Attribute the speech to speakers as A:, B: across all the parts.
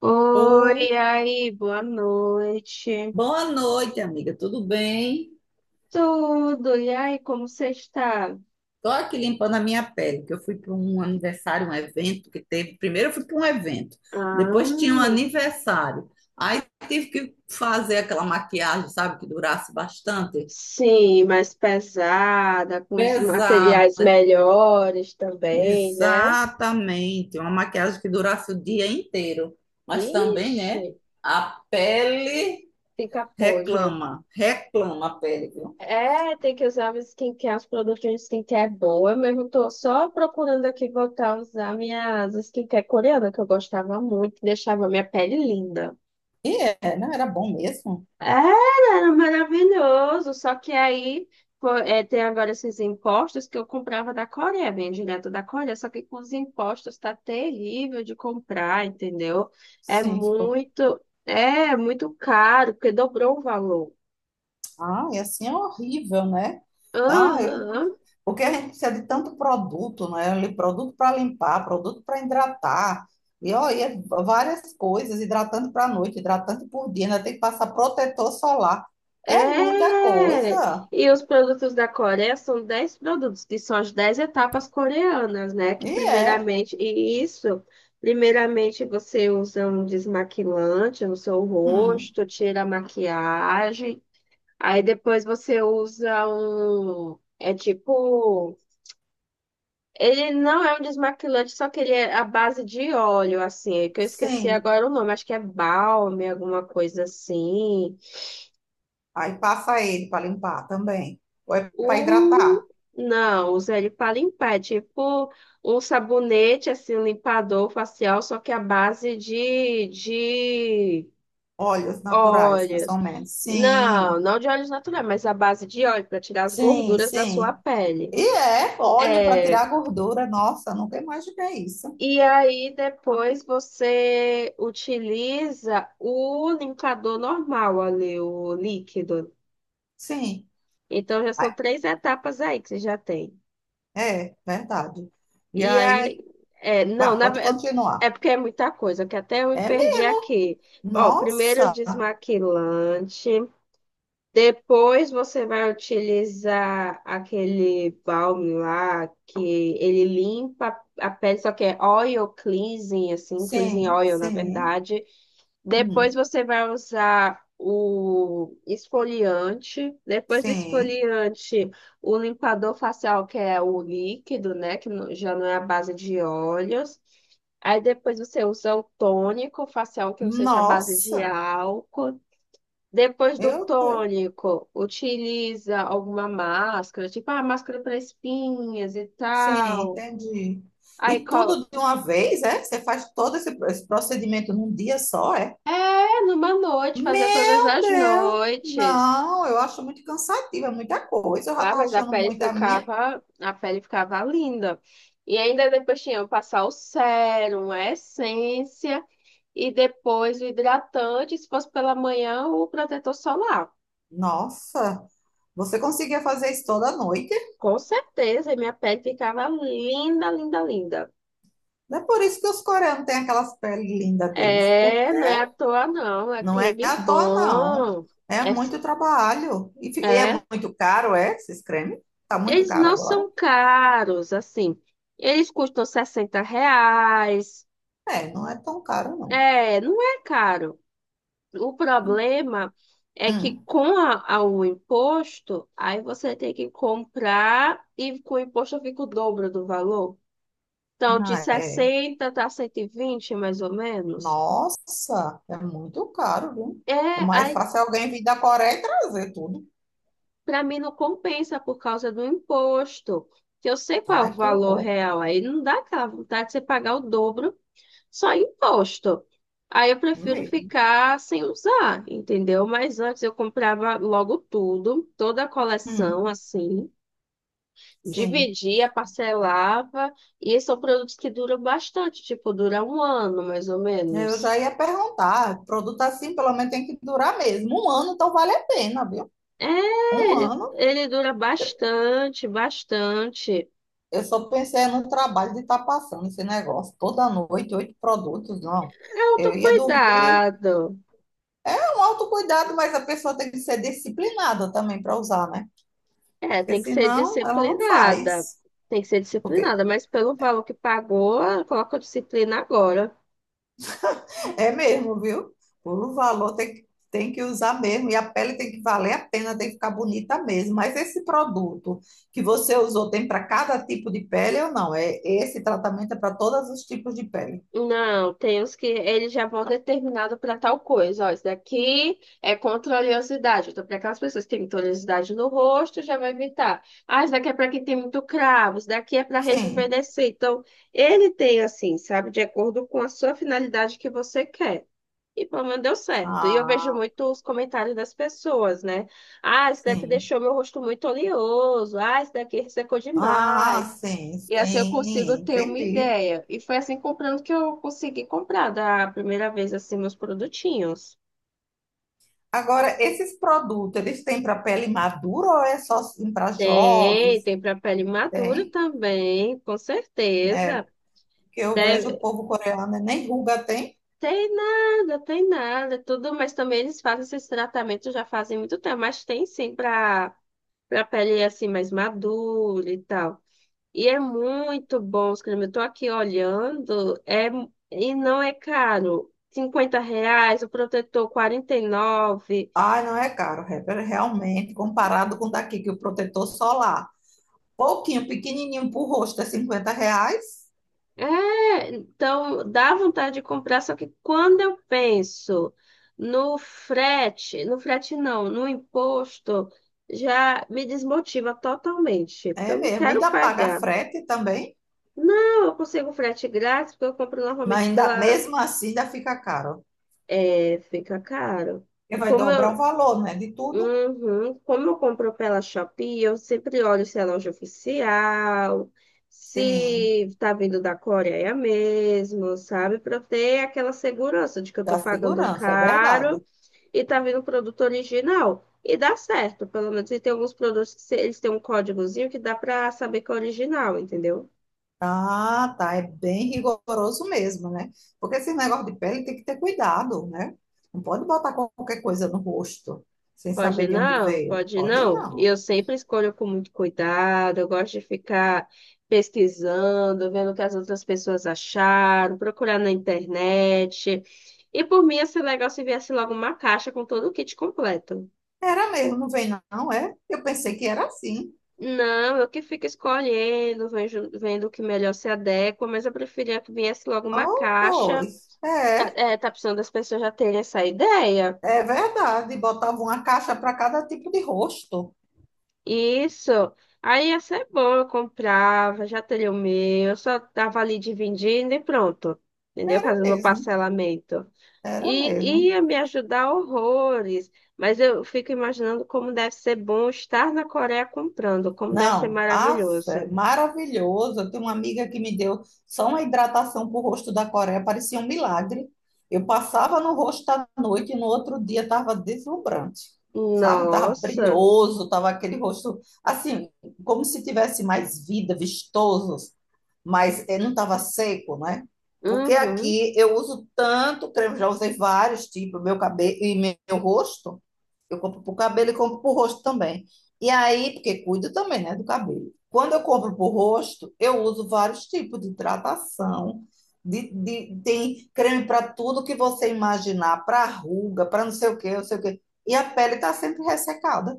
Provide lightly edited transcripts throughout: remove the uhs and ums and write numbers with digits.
A: Oi,
B: Ô,
A: e aí, boa noite.
B: boa noite, amiga. Tudo bem?
A: Tudo, e aí, como você está?
B: Tô aqui limpando a minha pele, que eu fui para um aniversário, um evento que teve. Primeiro eu fui para um evento, depois tinha um
A: Ah,
B: aniversário. Aí tive que fazer aquela maquiagem, sabe, que durasse bastante.
A: sim, mais pesada, com os
B: Pesada.
A: materiais melhores também, né?
B: Exatamente. Uma maquiagem que durasse o dia inteiro. Mas também,
A: Ixi,
B: né, a pele
A: fica podre.
B: reclama, reclama a pele, viu?
A: É, tem que usar o skincare, os produtos de skincare boa. Eu mesmo tô só procurando aqui voltar a usar minhas skincare coreana, que eu gostava muito, que deixava minha pele linda.
B: E é, não era bom mesmo?
A: Era, era maravilhoso. Só que aí pô, é, tem agora esses impostos que eu comprava da Coreia, bem direto da Coreia. Só que com os impostos tá terrível de comprar, entendeu?
B: Sim, ficou.
A: É muito caro, porque dobrou o valor.
B: Ah, e assim é horrível, né? Ah, eu...
A: Aham.
B: Porque a gente precisa de tanto produto, né? Ali, produto para limpar, produto para hidratar. E olha, várias coisas, hidratante para noite, hidratante por dia, ainda tem que passar protetor solar. É muita
A: É!
B: coisa.
A: E os produtos da Coreia são 10 produtos, que são as 10 etapas coreanas, né? Que
B: E é.
A: primeiramente, e isso, primeiramente você usa um desmaquilante no seu
B: Hum,
A: rosto, tira a maquiagem, aí depois você usa um, é tipo, ele não é um desmaquilante, só que ele é a base de óleo, assim, que eu esqueci
B: sim.
A: agora o nome, acho que é balme, alguma coisa assim.
B: Aí passa ele para limpar também. Ou é para
A: O...
B: hidratar.
A: Não, usa ele para limpar. É tipo um sabonete, assim, um limpador facial, só que à base de
B: Óleos naturais, mais ou
A: óleos.
B: menos. Sim,
A: Não, não de óleos naturais, mas à base de óleo para tirar as
B: sim,
A: gorduras da sua
B: sim.
A: pele.
B: E é óleo para
A: É.
B: tirar a gordura. Nossa, nunca imaginei isso.
A: E aí depois você utiliza o limpador normal ali, o líquido.
B: Sim.
A: Então já são
B: Ah,
A: três etapas aí que você já tem.
B: é verdade. E
A: E aí,
B: aí,
A: é, não,
B: vá,
A: na,
B: pode
A: ve-
B: continuar.
A: é porque é muita coisa, que até eu me
B: É
A: perdi
B: mesmo.
A: aqui. Ó, primeiro o
B: Nossa,
A: desmaquilante, depois você vai utilizar aquele balme lá que ele limpa a pele, só que é oil cleansing, assim, cleansing
B: sim,
A: oil, na
B: sim,
A: verdade. Depois
B: hum,
A: você vai usar o esfoliante. Depois do
B: sim.
A: esfoliante, o limpador facial, que é o líquido, né? Que já não é a base de óleos. Aí depois você usa o tônico facial, que não seja a base de
B: Nossa,
A: álcool. Depois do
B: meu Deus.
A: tônico, utiliza alguma máscara, tipo a máscara para espinhas e
B: Sim,
A: tal.
B: entendi.
A: Aí,
B: E
A: co-
B: tudo de uma vez, é? Você faz todo esse procedimento num dia só, é?
A: é, numa noite, fazer todas
B: Meu
A: as
B: Deus,
A: noites.
B: não, eu acho muito cansativo, é muita coisa. Eu já
A: Ah,
B: estava
A: mas
B: achando muito a minha.
A: a pele ficava linda. E ainda depois tinha que passar o sérum, a essência e depois o hidratante, se fosse pela manhã, o protetor solar.
B: Nossa, você conseguia fazer isso toda noite?
A: Com certeza, e minha pele ficava linda, linda, linda.
B: Não é por isso que os coreanos têm aquelas peles lindas deles,
A: É,
B: porque
A: não é à toa não, é
B: não é
A: creme
B: à toa, não.
A: bom.
B: É
A: É, s-
B: muito trabalho. E é
A: é.
B: muito caro, é? Esses cremes? Tá muito
A: Eles
B: caro
A: não
B: agora?
A: são caros, assim. Eles custam R$ 60.
B: É, não é tão caro, não.
A: É, não é caro. O problema é que
B: Hum.
A: com o imposto, aí você tem que comprar e com o imposto fica o dobro do valor. Então, de
B: Ah, é.
A: 60 tá 120 mais ou menos.
B: Nossa, é muito caro, viu?
A: É,
B: É mais
A: aí
B: fácil alguém vir da Coreia e trazer tudo.
A: para mim não compensa por causa do imposto. Que eu sei qual é o
B: Ai, que
A: valor
B: horror.
A: real, aí não dá aquela vontade de você pagar o dobro só em imposto. Aí eu prefiro
B: Mesmo.
A: ficar sem usar, entendeu? Mas antes eu comprava logo tudo, toda a
B: Hum,
A: coleção assim.
B: sim.
A: Dividia, parcelava, e são produtos que duram bastante, tipo, dura um ano, mais ou
B: Eu
A: menos.
B: já ia perguntar, produto assim pelo menos tem que durar mesmo. Um ano, então vale a pena, viu?
A: É,
B: Um
A: ele,
B: ano,
A: ele dura bastante, bastante.
B: eu só pensei no trabalho de estar passando esse negócio toda noite, 8 produtos, não.
A: É
B: Eu ia dormir
A: autocuidado.
B: com um autocuidado, mas a pessoa tem que ser disciplinada também para usar, né?
A: É,
B: Porque
A: tem que ser
B: senão ela não
A: disciplinada.
B: faz.
A: Tem que ser
B: Porque
A: disciplinada, mas pelo valor que pagou, coloca a disciplina agora.
B: é mesmo, viu? O valor tem que usar mesmo, e a pele tem que valer a pena, tem que ficar bonita mesmo. Mas esse produto que você usou tem para cada tipo de pele ou não? É, esse tratamento é para todos os tipos de pele?
A: Não, tem uns que ele já vão determinado para tal coisa. Ó, isso daqui é contra a oleosidade. Então, para aquelas pessoas que têm muita oleosidade no rosto, já vai evitar. Ah, isso daqui é para quem tem muito cravo, isso daqui é para
B: Sim.
A: rejuvenescer. Então, ele tem assim, sabe, de acordo com a sua finalidade que você quer. E pelo menos deu certo. E eu vejo
B: Ah,
A: muito os comentários das pessoas, né? Ah, isso daqui
B: sim.
A: deixou meu rosto muito oleoso. Ah, isso daqui ressecou demais.
B: Ah, sim,
A: E assim eu
B: sim,
A: consigo ter uma
B: entendi.
A: ideia. E foi assim comprando que eu consegui comprar da primeira vez assim meus produtinhos.
B: Agora, esses produtos, eles têm para pele madura ou é só para
A: Tem,
B: jovens?
A: tem para pele madura
B: Tem,
A: também, com
B: né?
A: certeza.
B: Porque eu vejo
A: Deve-
B: o povo coreano, né, nem ruga tem.
A: tem nada, tudo, mas também eles fazem esses tratamentos já fazem muito tempo, mas tem sim para pele assim mais madura e tal. E é muito bom os cremes. Eu tô aqui olhando, é, e não é caro. R$ 50, o protetor 49.
B: Ai, não é caro, Heber, realmente, comparado com daqui, que o protetor solar, pouquinho, pequenininho para o rosto, é R$ 50,
A: É, então dá vontade de comprar, só que quando eu penso no frete, no frete não, no imposto, já me desmotiva totalmente, porque
B: é
A: eu não
B: mesmo,
A: quero
B: ainda paga
A: pagar.
B: frete também,
A: Não, eu consigo frete grátis, porque eu compro
B: mas
A: normalmente
B: ainda,
A: pela...
B: mesmo assim ainda fica caro,
A: É, fica caro.
B: porque vai
A: Como
B: dobrar o
A: eu,
B: valor, né, de tudo.
A: Uhum. Como eu compro pela Shopee, eu sempre olho se é loja oficial,
B: Sim,
A: se tá vindo da Coreia mesmo, sabe? Para ter aquela segurança de que eu tô
B: da
A: pagando
B: segurança, é verdade.
A: caro e tá vindo produto original. E dá certo, pelo menos. E tem alguns produtos que eles têm um códigozinho que dá para saber que é original, entendeu?
B: Ah, tá, é bem rigoroso mesmo, né, porque esse negócio de pele tem que ter cuidado, né, não pode botar qualquer coisa no rosto, sem
A: Pode
B: saber de onde
A: não,
B: veio,
A: pode
B: pode
A: não.
B: não.
A: Eu sempre escolho com muito cuidado, eu gosto de ficar pesquisando, vendo o que as outras pessoas acharam, procurar na internet. E por mim ia ser legal se viesse logo uma caixa com todo o kit completo.
B: Era mesmo, não vem não, é? Eu pensei que era assim.
A: Não, eu que fico escolhendo, vendo o que melhor se adequa, mas eu preferia que viesse logo uma
B: Oh,
A: caixa.
B: pois,
A: Tá,
B: é,
A: é, tá precisando das pessoas já terem essa ideia.
B: é verdade. Botava uma caixa para cada tipo de rosto.
A: Isso. Aí ia ser bom, eu comprava, já teria o meu, eu só tava ali dividindo e pronto. Entendeu?
B: Era
A: Fazendo meu
B: mesmo,
A: parcelamento.
B: era
A: E
B: mesmo.
A: ia me ajudar horrores. Mas eu fico imaginando como deve ser bom estar na Coreia comprando, como deve ser
B: Não, af, é
A: maravilhoso.
B: maravilhoso. Eu tenho uma amiga que me deu só uma hidratação para o rosto da Coreia, parecia um milagre. Eu passava no rosto à noite e no outro dia estava deslumbrante, sabe? Estava
A: Nossa.
B: brilhoso, estava aquele rosto assim, como se tivesse mais vida, vistoso, mas ele não estava seco, né? Porque
A: Uhum.
B: aqui eu uso tanto creme, já usei vários tipos, meu cabelo e meu rosto. Eu compro para o cabelo e compro para o rosto também. E aí, porque cuido também, né, do cabelo. Quando eu compro para o rosto, eu uso vários tipos de hidratação. Tem creme para tudo que você imaginar, para ruga, para não sei o quê, não sei o quê. E a pele está sempre ressecada.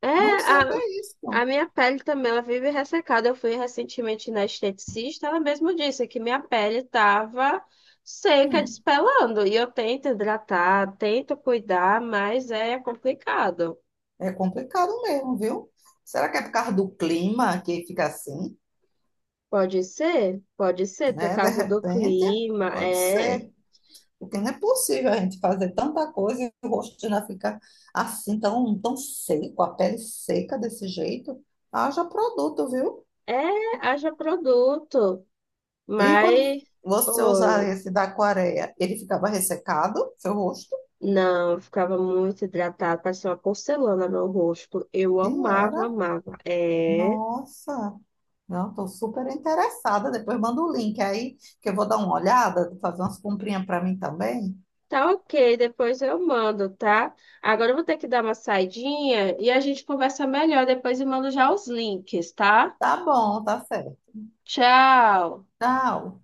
A: É,
B: Não sei o que é isso.
A: a minha pele também, ela vive ressecada. Eu fui recentemente na esteticista, ela mesmo disse que minha pele tava seca,
B: Hum.
A: despelando. E eu tento hidratar, tento cuidar, mas é complicado.
B: É complicado mesmo, viu? Será que é por causa do clima que fica assim,
A: Pode ser, por
B: né? De
A: causa do
B: repente,
A: clima,
B: pode
A: é,
B: ser. Porque não é possível a gente fazer tanta coisa e o rosto já fica assim, tão, tão seco, a pele seca desse jeito. Haja produto, viu?
A: é, haja produto,
B: E quando
A: mas,
B: você usar
A: oi,
B: esse da aquareia, ele ficava ressecado, seu rosto?
A: não, eu ficava muito hidratada, parecia uma porcelana no rosto, eu
B: E
A: amava,
B: era.
A: amava, é...
B: Nossa! Não, estou super interessada. Depois manda o link aí, que eu vou dar uma olhada, fazer umas comprinhas para mim também.
A: Tá ok, depois eu mando, tá? Agora eu vou ter que dar uma saidinha e a gente conversa melhor depois e mando já os links, tá?
B: Tá bom, tá certo.
A: Tchau!
B: Tchau.